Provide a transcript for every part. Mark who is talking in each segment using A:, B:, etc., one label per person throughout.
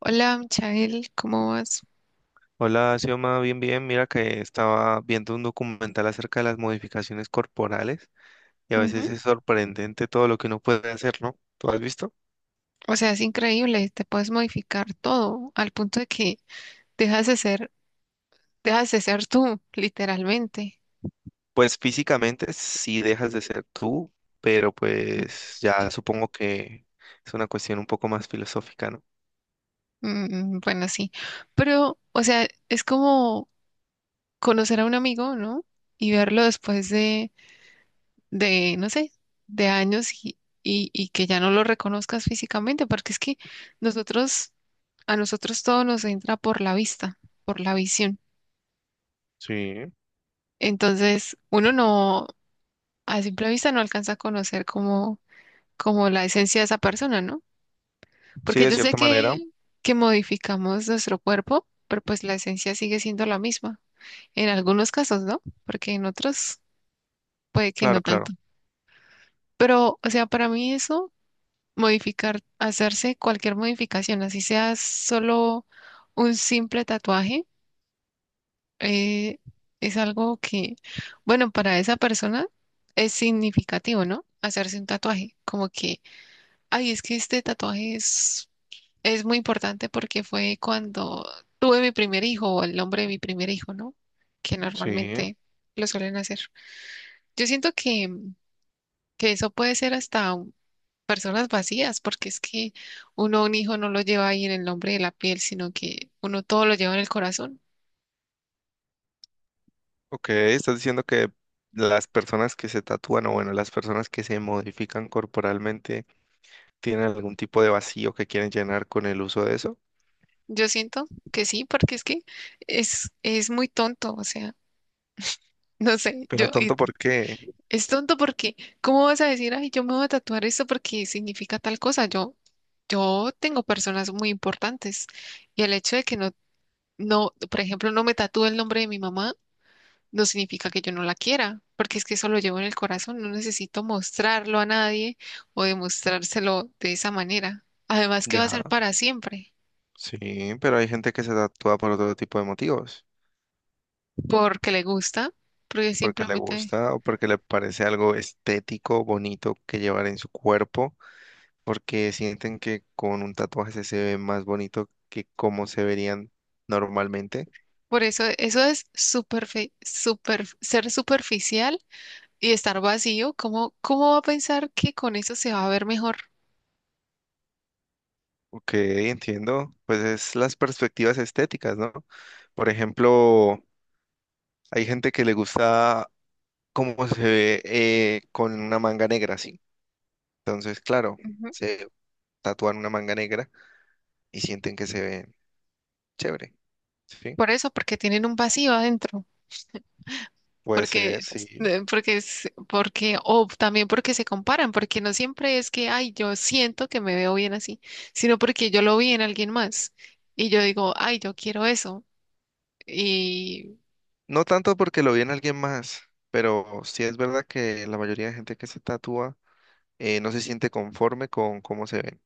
A: Hola, Michael, ¿cómo vas?
B: Hola, Xioma, bien, bien. Mira que estaba viendo un documental acerca de las modificaciones corporales y a veces
A: Ujú.
B: es sorprendente todo lo que uno puede hacer, ¿no? ¿Tú has visto?
A: O sea, es increíble, te puedes modificar todo al punto de que dejas de ser, dejas de ser tú, literalmente.
B: Pues físicamente sí dejas de ser tú, pero pues ya supongo que es una cuestión un poco más filosófica, ¿no?
A: Mm, bueno, sí, pero, o sea, es como conocer a un amigo, ¿no? Y verlo después de, no sé, de años y que ya no lo reconozcas físicamente, porque es que nosotros, a nosotros todo nos entra por la vista, por la visión.
B: Sí,
A: Entonces, uno no a simple vista no alcanza a conocer como la esencia de esa persona, ¿no?
B: sí,
A: Porque
B: de
A: yo sé
B: cierta
A: que,
B: manera.
A: que modificamos nuestro cuerpo, pero pues la esencia sigue siendo la misma. En algunos casos, ¿no? Porque en otros puede que
B: Claro,
A: no
B: claro.
A: tanto. Pero, o sea, para mí eso, modificar, hacerse cualquier modificación, así sea solo un simple tatuaje, eh, es algo que, bueno, para esa persona es significativo, ¿no? Hacerse un tatuaje, como que ay, es que este tatuaje es muy importante porque fue cuando tuve mi primer hijo o el nombre de mi primer hijo, ¿no? Que
B: Sí.
A: normalmente lo suelen hacer. Yo siento que eso puede ser hasta personas vacías, porque es que uno a un hijo no lo lleva ahí en el nombre de la piel, sino que uno todo lo lleva en el corazón.
B: Ok, estás diciendo que las personas que se tatúan o bueno, las personas que se modifican corporalmente tienen algún tipo de vacío que quieren llenar con el uso de eso.
A: Yo siento que sí, porque es que es muy tonto, o sea, no sé.
B: Pero tonto, ¿por qué?
A: Es tonto porque, ¿cómo vas a decir, ay, yo me voy a tatuar esto porque significa tal cosa? Yo tengo personas muy importantes y el hecho de que no, no, por ejemplo, no me tatúe el nombre de mi mamá, no significa que yo no la quiera, porque es que eso lo llevo en el corazón, no necesito mostrarlo a nadie o demostrárselo de esa manera. Además que va a
B: Ya,
A: ser para siempre,
B: sí, pero hay gente que se tatúa por otro tipo de motivos,
A: porque le gusta, porque
B: porque le
A: simplemente,
B: gusta o porque le parece algo estético, bonito que llevar en su cuerpo, porque sienten que con un tatuaje se ve más bonito que como se verían normalmente.
A: por eso, eso es super, super, ser superficial y estar vacío, ¿cómo, cómo va a pensar que con eso se va a ver mejor?
B: Ok, entiendo. Pues es las perspectivas estéticas, ¿no? Por ejemplo, hay gente que le gusta cómo se ve con una manga negra, sí. Entonces, claro,
A: Ujú.
B: se tatúan una manga negra y sienten que se ven chévere, ¿sí?
A: Por eso, porque tienen un vacío adentro,
B: Puede
A: porque,
B: ser, sí.
A: o también porque se comparan, porque no siempre es que, ay, yo siento que me veo bien así, sino porque yo lo vi en alguien más y yo digo, ay, yo quiero eso. Y
B: No tanto porque lo en alguien más, pero sí es verdad que la mayoría de gente que se tatúa no se siente conforme con cómo se ven,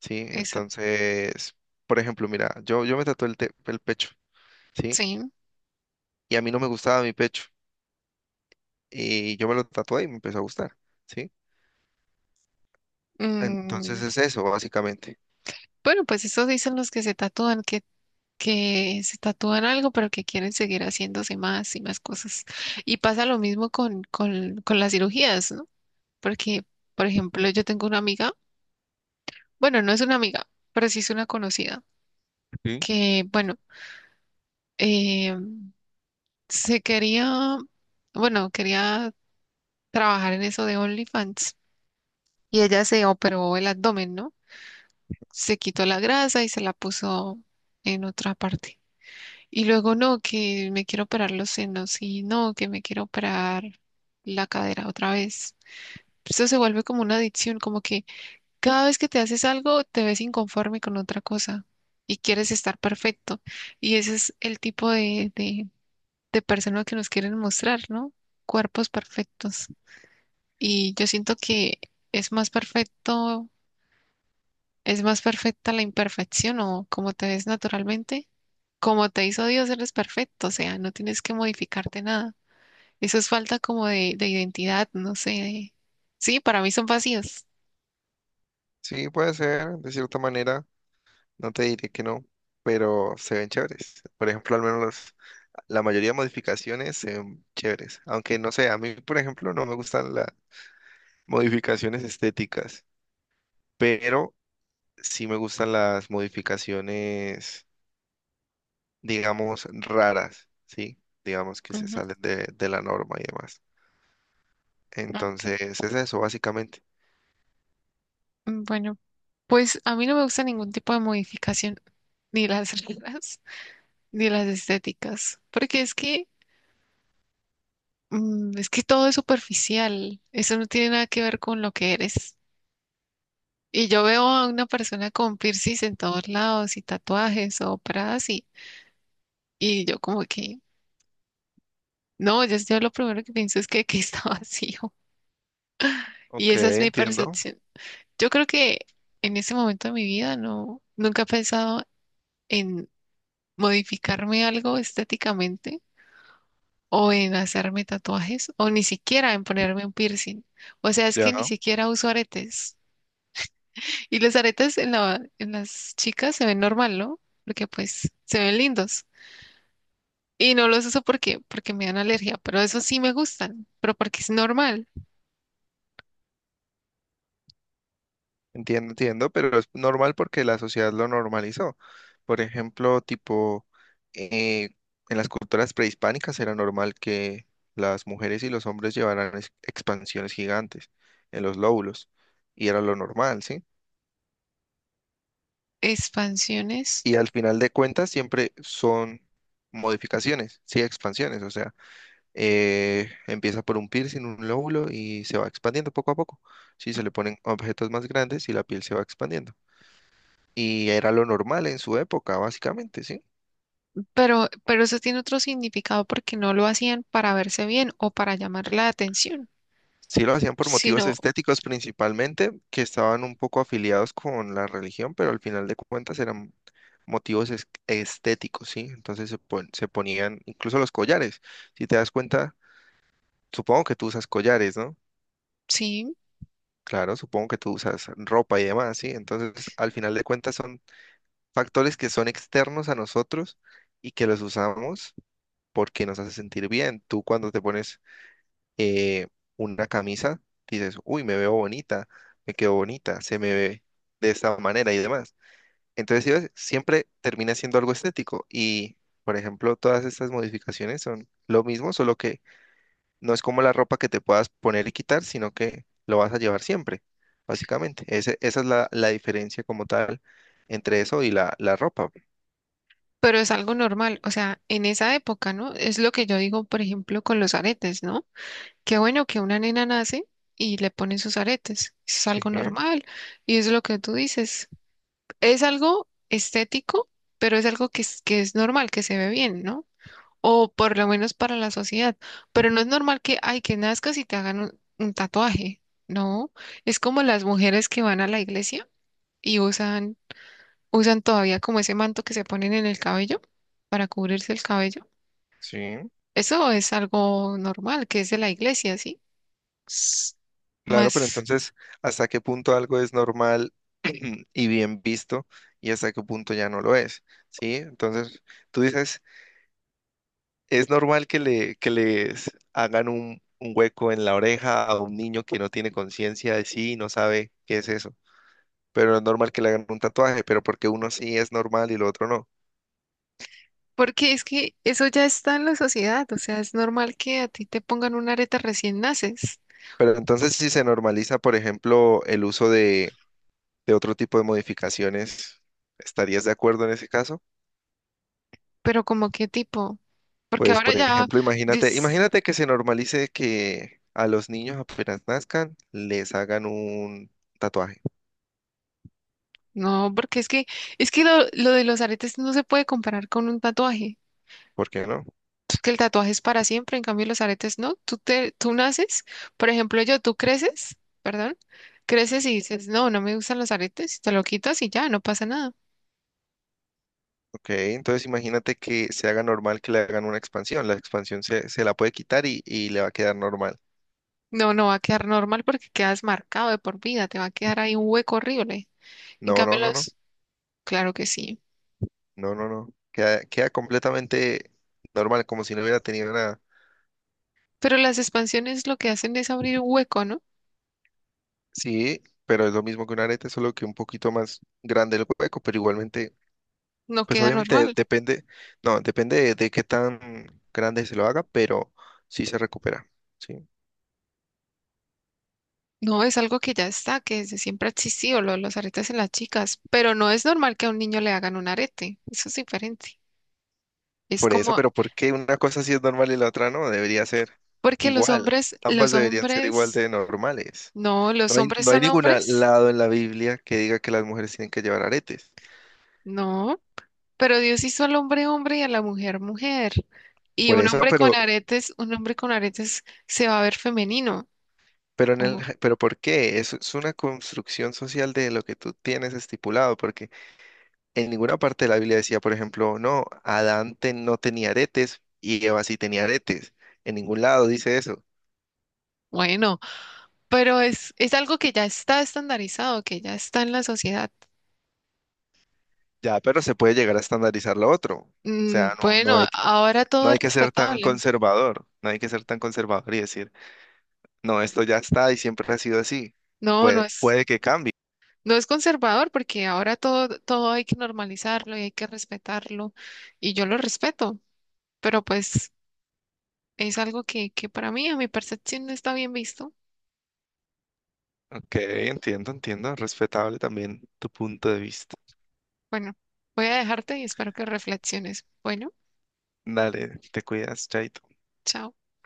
B: ¿sí?
A: esa,
B: Entonces, por ejemplo, mira, yo me tatué el, te- el pecho, ¿sí?
A: sí.
B: Y a mí no me gustaba mi pecho, y yo me lo tatué y me empezó a gustar, ¿sí? Entonces
A: Mm,
B: es eso, básicamente.
A: bueno, pues eso dicen los que se tatúan, que se tatúan algo, pero que quieren seguir haciéndose más y más cosas. Y pasa lo mismo con las cirugías, ¿no? Porque, por ejemplo, yo tengo una amiga, bueno, no es una amiga, pero sí es una conocida,
B: Sí.
A: que, bueno, eh, se quería, bueno, quería trabajar en eso de OnlyFans y ella se operó el abdomen, ¿no? Se quitó la grasa y se la puso en otra parte. Y luego no, que me quiero operar los senos y no, que me quiero operar la cadera otra vez. Esto se vuelve como una adicción, como que cada vez que te haces algo te ves inconforme con otra cosa y quieres estar perfecto. Y ese es el tipo de persona que nos quieren mostrar, ¿no? Cuerpos perfectos. Y yo siento que es más perfecto ¿Es más perfecta la imperfección o como te ves naturalmente? Como te hizo Dios, eres perfecto, o sea, no tienes que modificarte nada. Eso es falta como de identidad, no sé. Sí, para mí son vacíos.
B: Sí, puede ser, de cierta manera, no te diré que no, pero se ven chéveres. Por ejemplo, al menos la mayoría de modificaciones se ven chéveres. Aunque no sé, a mí, por ejemplo, no me gustan las modificaciones estéticas, pero sí me gustan las modificaciones, digamos, raras, ¿sí? Digamos que se
A: Ujú,
B: salen de la norma y demás.
A: ok.
B: Entonces, es eso, básicamente.
A: Mm, bueno, pues a mí no me gusta ningún tipo de modificación, ni las reglas, ni las estéticas, porque es que, es que todo es superficial. Eso no tiene nada que ver con lo que eres. Y yo veo a una persona con piercings en todos lados y tatuajes o operadas y yo como que, no, yo lo primero que pienso es que está vacío. Y
B: Ok,
A: esa es mi
B: entiendo.
A: percepción. Yo creo que en ese momento de mi vida no, nunca he pensado en modificarme algo estéticamente o en hacerme tatuajes o ni siquiera en ponerme un piercing. O sea, es que
B: Ya.
A: ni siquiera uso aretes. Y los aretes en las chicas se ven normal, ¿no? Porque pues se ven lindos. Y no los uso porque, porque me dan alergia, pero esos sí me gustan, pero porque es normal.
B: Entiendo, entiendo, pero es normal porque la sociedad lo normalizó. Por ejemplo, tipo, eh, en las culturas prehispánicas era normal que las mujeres y los hombres llevaran ex- expansiones gigantes en los lóbulos, y era lo normal, ¿sí?
A: Expansiones,
B: Y al final de cuentas siempre son modificaciones, sí, expansiones, o sea, empieza por un piercing, un lóbulo, y se va expandiendo poco a poco. Sí, se le ponen objetos más grandes y la piel se va expandiendo. Y era lo normal en su época, básicamente, ¿sí?
A: pero eso tiene otro significado porque no lo hacían para verse bien o para llamar la atención,
B: Sí lo hacían por motivos
A: sino,
B: estéticos principalmente, que estaban un poco afiliados con la religión, pero al final de cuentas eran motivos es- estéticos, ¿sí? Entonces se, pon- se ponían incluso los collares. Si te das cuenta, supongo que tú usas collares, ¿no?
A: sí,
B: Claro, supongo que tú usas ropa y demás, ¿sí? Entonces, al final de cuentas son factores que son externos a nosotros y que los usamos porque nos hace sentir bien. Tú cuando te pones eh, una camisa, dices, uy, me veo bonita, me quedo bonita, se me ve de esta manera y demás. Entonces, ¿sí ves? Siempre termina siendo algo estético y, por ejemplo, todas estas modificaciones son lo mismo, solo que no es como la ropa que te puedas poner y quitar, sino que lo vas a llevar siempre, básicamente. Ese- esa es la diferencia como tal entre eso y la ropa.
A: pero es algo normal, o sea, en esa época, ¿no? Es lo que yo digo, por ejemplo, con los aretes, ¿no? Qué bueno que una nena nace y le ponen sus aretes, es
B: Sí,
A: algo normal y es lo que tú dices, es algo estético, pero es algo que es normal, que se ve bien, ¿no? O por lo menos para la sociedad. Pero no es normal que, ay, que nazcas y te hagan un tatuaje. No, es como las mujeres que van a la iglesia y usan, usan todavía como ese manto que se ponen en el cabello para cubrirse el cabello.
B: sí.
A: Eso es algo normal, que es de la iglesia, ¿sí? S-
B: Claro, pero
A: Más,
B: entonces, ¿hasta qué punto algo es normal y bien visto y hasta qué punto ya no lo es? ¿Sí? Entonces, tú dices, ¿es normal que le, que les hagan un hueco en la oreja a un niño que no tiene conciencia de sí y no sabe qué es eso? Pero no es normal que le hagan un tatuaje, pero porque uno sí es normal y lo otro no.
A: porque es que eso ya está en la sociedad, o sea, es normal que a ti te pongan una areta recién naces,
B: Pero entonces, si se normaliza, por ejemplo, el uso de otro tipo de modificaciones, ¿estarías de acuerdo en ese caso?
A: pero como qué tipo, porque
B: Pues,
A: ahora
B: por
A: ya
B: ejemplo, imagínate,
A: dis-
B: imagínate que se normalice que a los niños apenas nazcan les hagan un tatuaje.
A: no, porque es que, lo de los aretes no se puede comparar con un tatuaje.
B: ¿Por qué no?
A: Es que el tatuaje es para siempre, en cambio los aretes no. Tú naces, por ejemplo, tú creces, perdón, creces y dices, no, no me gustan los aretes, te lo quitas y ya, no pasa nada.
B: Ok, entonces imagínate que se haga normal que le hagan una expansión. La expansión se, se la puede quitar y le va a quedar normal.
A: No, no va a quedar normal porque quedas marcado de por vida, te va a quedar ahí un hueco horrible. En
B: No, no,
A: cambio
B: no, no,
A: los, claro que sí.
B: no. Queda, queda completamente normal, como si no hubiera tenido nada.
A: Pero las expansiones lo que hacen es abrir un hueco, ¿no?
B: Sí, pero es lo mismo que un arete, solo que un poquito más grande el hueco, pero igualmente
A: No
B: pues
A: queda
B: obviamente de-
A: normal.
B: depende, no, depende de qué tan grande se lo haga, pero sí se recupera, ¿sí?
A: No, es algo que ya está, que desde siempre ha existido, lo de los aretes en las chicas, pero no es normal que a un niño le hagan un arete, eso es diferente. Es
B: Por eso,
A: como,
B: pero ¿por qué una cosa sí es normal y la otra no? Debería ser
A: porque los
B: igual.
A: hombres,
B: Ambas deberían ser igual de normales.
A: no,
B: No
A: los
B: hay,
A: hombres
B: no hay
A: son
B: ningún
A: hombres,
B: lado en la Biblia que diga que las mujeres tienen que llevar aretes.
A: no, pero Dios hizo al hombre hombre y a la mujer mujer. Y
B: Por
A: un
B: eso,
A: hombre con aretes, un hombre con aretes se va a ver femenino,
B: pero en el,
A: o
B: pero ¿por qué? Es una construcción social de lo que tú tienes estipulado, porque en ninguna parte de la Biblia decía, por ejemplo, no, Adán te- no tenía aretes y Eva sí tenía aretes. En ningún lado dice eso.
A: bueno, pero es algo que ya está estandarizado, que ya está en la sociedad.
B: Ya, pero se puede llegar a estandarizar lo otro. O
A: Mm,
B: sea, no, no
A: bueno,
B: hay, que-
A: ahora
B: no
A: todo es
B: hay que ser tan
A: respetable.
B: conservador, no hay que ser tan conservador y decir, no, esto ya está y siempre ha sido así.
A: No, no
B: Puede,
A: es,
B: puede que cambie.
A: no es conservador porque ahora todo hay que normalizarlo y hay que respetarlo y yo lo respeto, pero pues es algo que para mí, a mi percepción, no está bien visto.
B: Ok, entiendo, entiendo. Respetable también tu punto de vista.
A: Bueno, voy a dejarte y espero que reflexiones. Bueno,
B: Dale, te cuidas, Chaito.
A: chao.